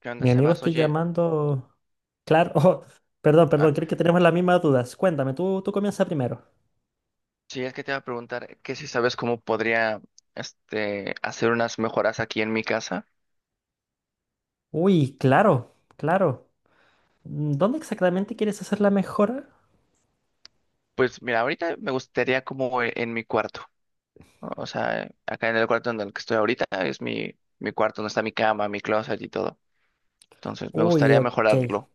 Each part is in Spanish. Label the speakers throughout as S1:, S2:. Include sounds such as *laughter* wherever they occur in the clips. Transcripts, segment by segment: S1: ¿Qué onda,
S2: Mi amigo
S1: Sebas?
S2: estoy
S1: Oye,
S2: llamando. Claro, *laughs* oh, perdón,
S1: ah,
S2: perdón, creo que tenemos las mismas dudas. Cuéntame, tú comienza primero.
S1: sí, es que te iba a preguntar que si sabes cómo podría hacer unas mejoras aquí en mi casa.
S2: Uy, claro, claro. Mm, ¿dónde exactamente quieres hacer la mejora?
S1: Pues mira, ahorita me gustaría como en mi cuarto, ¿no? O sea, acá en el cuarto en el que estoy ahorita es mi cuarto, donde está mi cama, mi closet y todo. Entonces, me
S2: Uy,
S1: gustaría
S2: ok.
S1: mejorarlo.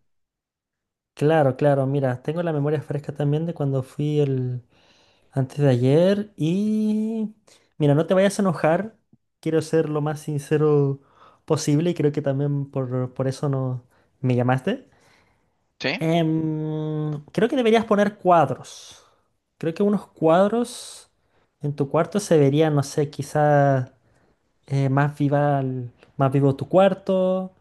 S2: Claro, claro, mira, tengo la memoria fresca también de cuando fui el antes de ayer y mira, no te vayas a enojar. Quiero ser lo más sincero posible y creo que también por eso no me llamaste.
S1: ¿Sí?
S2: Creo que deberías poner cuadros. Creo que unos cuadros en tu cuarto se verían, no sé, quizás más viva, más vivo tu cuarto.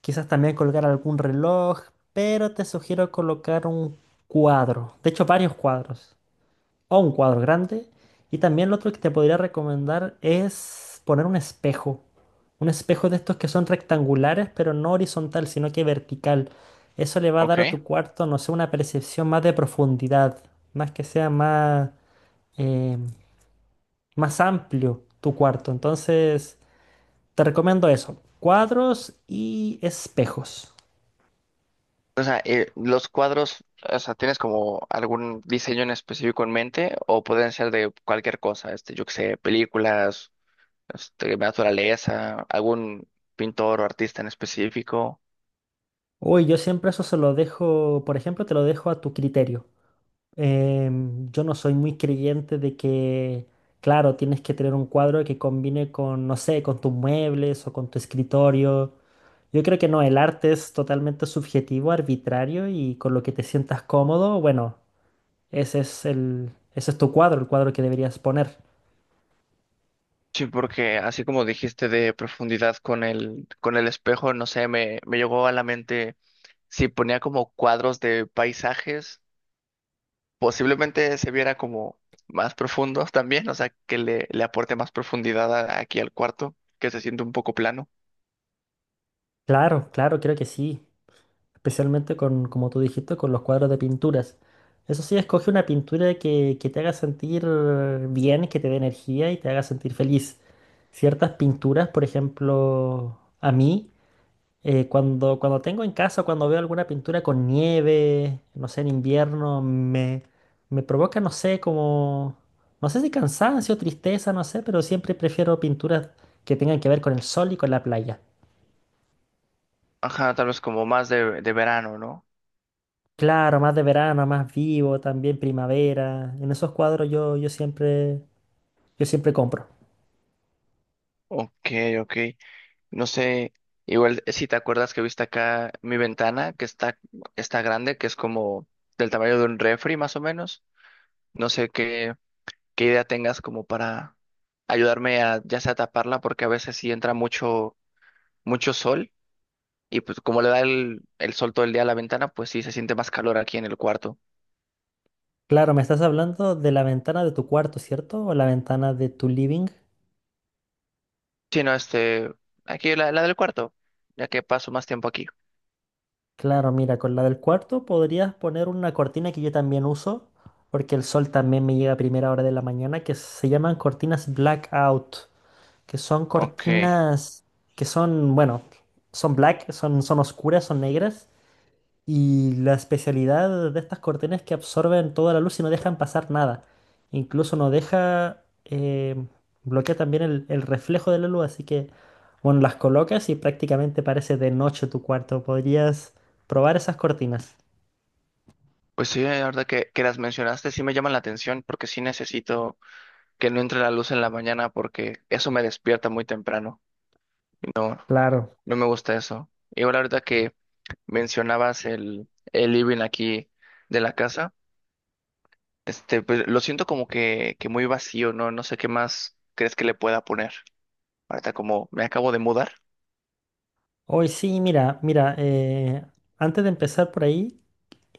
S2: Quizás también colgar algún reloj, pero te sugiero colocar un cuadro. De hecho, varios cuadros o un cuadro grande. Y también lo otro que te podría recomendar es poner un espejo. Un espejo de estos que son rectangulares, pero no horizontal, sino que vertical. Eso le va a dar a
S1: Ok.
S2: tu cuarto, no sé, una percepción más de profundidad, más que sea más, eh, más amplio tu cuarto. Entonces, te recomiendo eso, cuadros y espejos.
S1: O sea, los cuadros, o sea, ¿tienes como algún diseño en específico en mente o pueden ser de cualquier cosa? Este, yo qué sé, películas, naturaleza, algún pintor o artista en específico.
S2: Uy, yo siempre eso se lo dejo, por ejemplo, te lo dejo a tu criterio. Yo no soy muy creyente de que, claro, tienes que tener un cuadro que combine con, no sé, con tus muebles o con tu escritorio. Yo creo que no, el arte es totalmente subjetivo, arbitrario y con lo que te sientas cómodo, bueno, ese es el, ese es tu cuadro, el cuadro que deberías poner.
S1: Sí, porque así como dijiste de profundidad con con el espejo, no sé, me llegó a la mente si ponía como cuadros de paisajes, posiblemente se viera como más profundo *laughs* también, o sea, que le aporte más profundidad aquí al cuarto, que se siente un poco plano.
S2: Claro, claro, creo que sí. Especialmente con, como tú dijiste, con los cuadros de pinturas. Eso sí, escoge una pintura que te haga sentir bien, que te dé energía y te haga sentir feliz. Ciertas pinturas, por ejemplo, a mí, cuando tengo en casa, cuando veo alguna pintura con nieve, no sé, en invierno, me provoca, no sé, como, no sé si cansancio, tristeza, no sé, pero siempre prefiero pinturas que tengan que ver con el sol y con la playa.
S1: Ajá, tal vez como más de verano, ¿no?
S2: Claro, más de verano, más vivo, también primavera. En esos cuadros yo siempre, yo siempre compro.
S1: Ok, ok. No sé, igual si te acuerdas que viste acá mi ventana, está grande, que es como del tamaño de un refri más o menos. No sé qué, qué idea tengas como para ayudarme a ya sea taparla, porque a veces sí entra mucho sol, y pues como le da el sol todo el día a la ventana, pues sí se siente más calor aquí en el cuarto.
S2: Claro, me estás hablando de la ventana de tu cuarto, ¿cierto? O la ventana de tu living.
S1: Sí, no, aquí la del cuarto, ya que paso más tiempo aquí.
S2: Claro, mira, con la del cuarto podrías poner una cortina que yo también uso, porque el sol también me llega a primera hora de la mañana, que se llaman cortinas blackout, que son
S1: Ok.
S2: cortinas que son, bueno, son black, son, son oscuras, son negras. Y la especialidad de estas cortinas es que absorben toda la luz y no dejan pasar nada. Incluso no deja, bloquea también el reflejo de la luz. Así que, bueno, las colocas y prácticamente parece de noche tu cuarto. Podrías probar esas cortinas.
S1: Pues sí, la verdad que las mencionaste sí me llaman la atención porque sí necesito que no entre la luz en la mañana porque eso me despierta muy temprano.
S2: Claro.
S1: No me gusta eso. Y ahora ahorita que mencionabas el living aquí de la casa, este, pues lo siento como que muy vacío, ¿no? No sé qué más crees que le pueda poner. Ahorita como me acabo de mudar.
S2: Hoy sí, mira, mira, antes de empezar por ahí,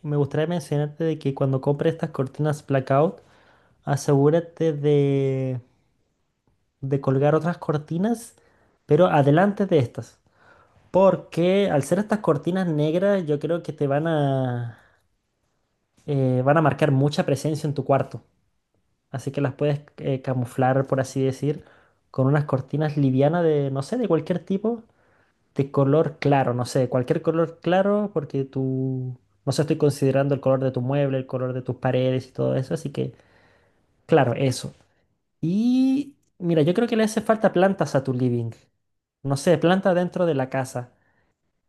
S2: me gustaría mencionarte de que cuando compres estas cortinas blackout, asegúrate de colgar otras cortinas, pero adelante de estas. Porque al ser estas cortinas negras, yo creo que te van a, van a marcar mucha presencia en tu cuarto. Así que las puedes camuflar, por así decir, con unas cortinas livianas de, no sé, de cualquier tipo, de color claro, no sé, cualquier color claro, porque tú, no sé, estoy considerando el color de tu mueble, el color de tus paredes y todo eso. Así que, claro, eso. Y mira, yo creo que le hace falta plantas a tu living. No sé, planta dentro de la casa.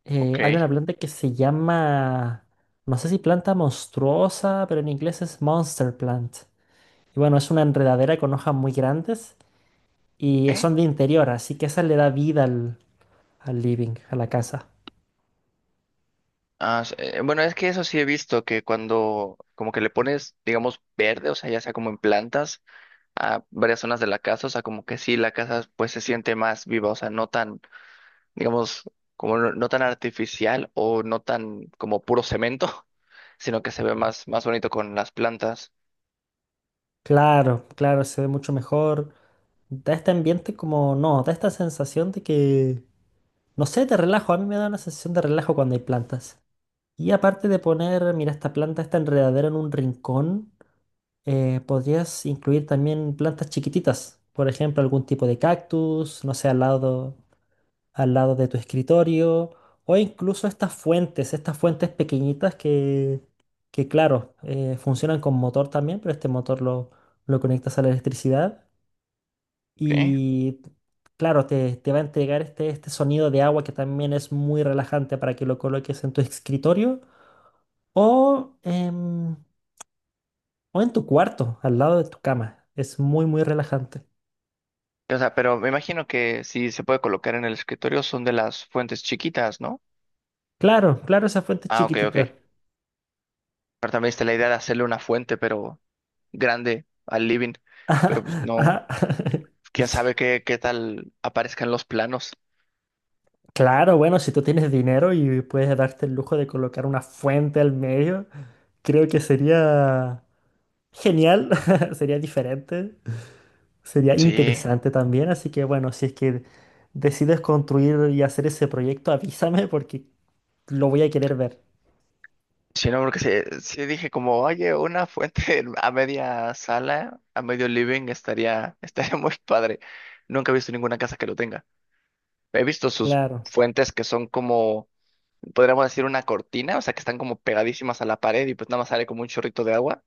S2: Hay una
S1: Ok.
S2: planta que se llama, no sé si planta monstruosa, pero en inglés es monster plant. Y bueno, es una enredadera con hojas muy grandes y
S1: ¿Eh?
S2: son de interior, así que esa le da vida al, al living, a la casa.
S1: Bueno, es que eso sí he visto que cuando como que le pones, digamos, verde, o sea, ya sea como en plantas a varias zonas de la casa, o sea, como que sí, la casa pues se siente más viva, o sea, no tan digamos, como no tan artificial o no tan como puro cemento, *laughs* sino que se ve más bonito con las plantas.
S2: Claro, claro, se ve mucho mejor. Da este ambiente como, no, da esta sensación de que, no sé, de relajo. A mí me da una sensación de relajo cuando hay plantas. Y aparte de poner, mira, esta planta, esta enredadera en un rincón. Podrías incluir también plantas chiquititas, por ejemplo, algún tipo de cactus, no sé, al lado de tu escritorio, o incluso estas fuentes pequeñitas que claro, funcionan con motor también, pero este motor lo conectas a la electricidad
S1: Ok.
S2: y, claro, te va a entregar este, este sonido de agua que también es muy relajante para que lo coloques en tu escritorio o, o en tu cuarto, al lado de tu cama. Es muy, muy relajante.
S1: O sea, pero me imagino que si se puede colocar en el escritorio son de las fuentes chiquitas, ¿no?
S2: Claro, claro, esa fuente
S1: Ah, ok, ok.
S2: chiquitita.
S1: Pero también está la idea de hacerle una fuente, pero grande al living.
S2: *laughs*
S1: Pero
S2: Ajá,
S1: pues no,
S2: ajá. *laughs*
S1: quién sabe qué tal aparezcan los planos.
S2: Claro, bueno, si tú tienes dinero y puedes darte el lujo de colocar una fuente al medio, creo que sería genial, *laughs* sería diferente, sería
S1: Sí.
S2: interesante también. Así que bueno, si es que decides construir y hacer ese proyecto, avísame porque lo voy a querer ver.
S1: Sí, no, porque sí, sí dije como, oye, una fuente *laughs* a media sala, a medio living, *laughs* estaría muy padre. Nunca he visto ninguna casa que lo tenga. He visto sus
S2: Claro,
S1: fuentes que son como, podríamos decir, una cortina, o sea, que están como pegadísimas a la pared y pues nada más sale como un chorrito de agua,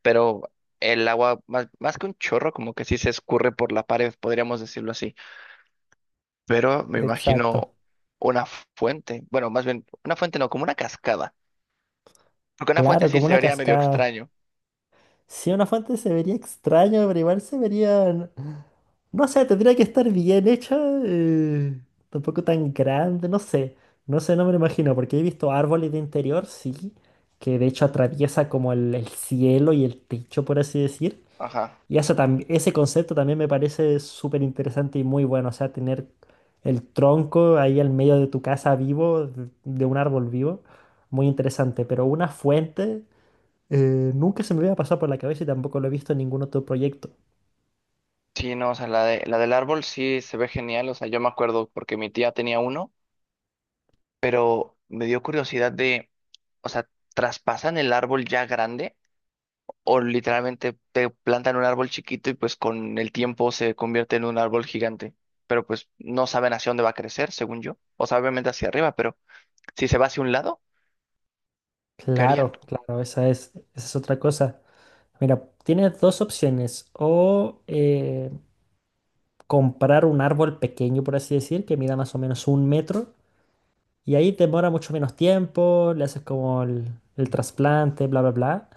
S1: pero el agua, más que un chorro, como que sí se escurre por la pared, podríamos decirlo así. Pero me
S2: exacto.
S1: imagino una fuente, bueno, más bien, una fuente no, como una cascada, porque una fuente
S2: Claro,
S1: sí
S2: como
S1: se
S2: una
S1: vería medio
S2: cascada.
S1: extraño.
S2: Si una fuente se vería extraño, pero igual se vería... No sé, tendría que estar bien hecha, eh, tampoco tan grande, no sé, no sé, no me lo imagino, porque he visto árboles de interior, sí, que de hecho atraviesa como el cielo y el techo, por así decir.
S1: Ajá.
S2: Y eso ese concepto también me parece súper interesante y muy bueno, o sea, tener el tronco ahí al medio de tu casa vivo, de un árbol vivo, muy interesante, pero una fuente... Nunca se me había pasado por la cabeza y tampoco lo he visto en ningún otro proyecto.
S1: Sí, no, o sea, la la del árbol sí se ve genial, o sea, yo me acuerdo porque mi tía tenía uno, pero me dio curiosidad de, o sea, ¿traspasan el árbol ya grande o literalmente te plantan un árbol chiquito y pues con el tiempo se convierte en un árbol gigante? Pero pues no saben hacia dónde va a crecer, según yo. O sea, obviamente hacia arriba, pero si se va hacia un lado, ¿qué harían?
S2: Claro, claro, esa es otra cosa. Mira, tienes dos opciones. O comprar un árbol pequeño, por así decir, que mida más o menos un metro. Y ahí demora mucho menos tiempo, le haces como el trasplante, bla, bla, bla.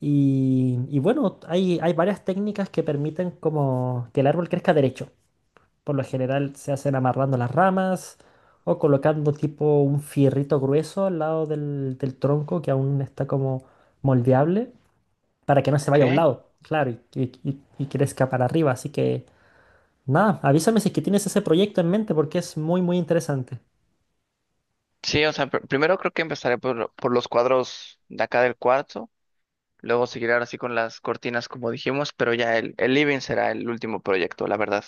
S2: Y bueno, hay varias técnicas que permiten como que el árbol crezca derecho. Por lo general se hacen amarrando las ramas o colocando tipo un fierrito grueso al lado del, del tronco que aún está como moldeable para que no se
S1: Ok.
S2: vaya a un lado, claro, y crezca para arriba. Así que nada, avísame si es que tienes ese proyecto en mente porque es muy, muy interesante.
S1: Sí, o sea, primero creo que empezaré por los cuadros de acá del cuarto. Luego seguirá sí con las cortinas, como dijimos, pero ya el living será el último proyecto, la verdad.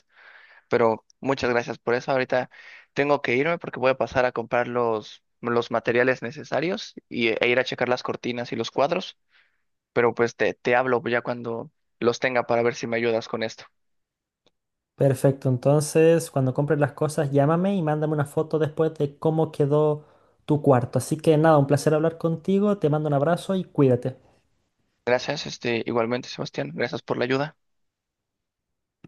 S1: Pero muchas gracias por eso. Ahorita tengo que irme porque voy a pasar a comprar los materiales necesarios e ir a checar las cortinas y los cuadros. Pero pues te hablo ya cuando los tenga para ver si me ayudas con esto.
S2: Perfecto, entonces cuando compres las cosas llámame y mándame una foto después de cómo quedó tu cuarto. Así que nada, un placer hablar contigo, te mando un abrazo y cuídate.
S1: Gracias, este, igualmente, Sebastián. Gracias por la ayuda.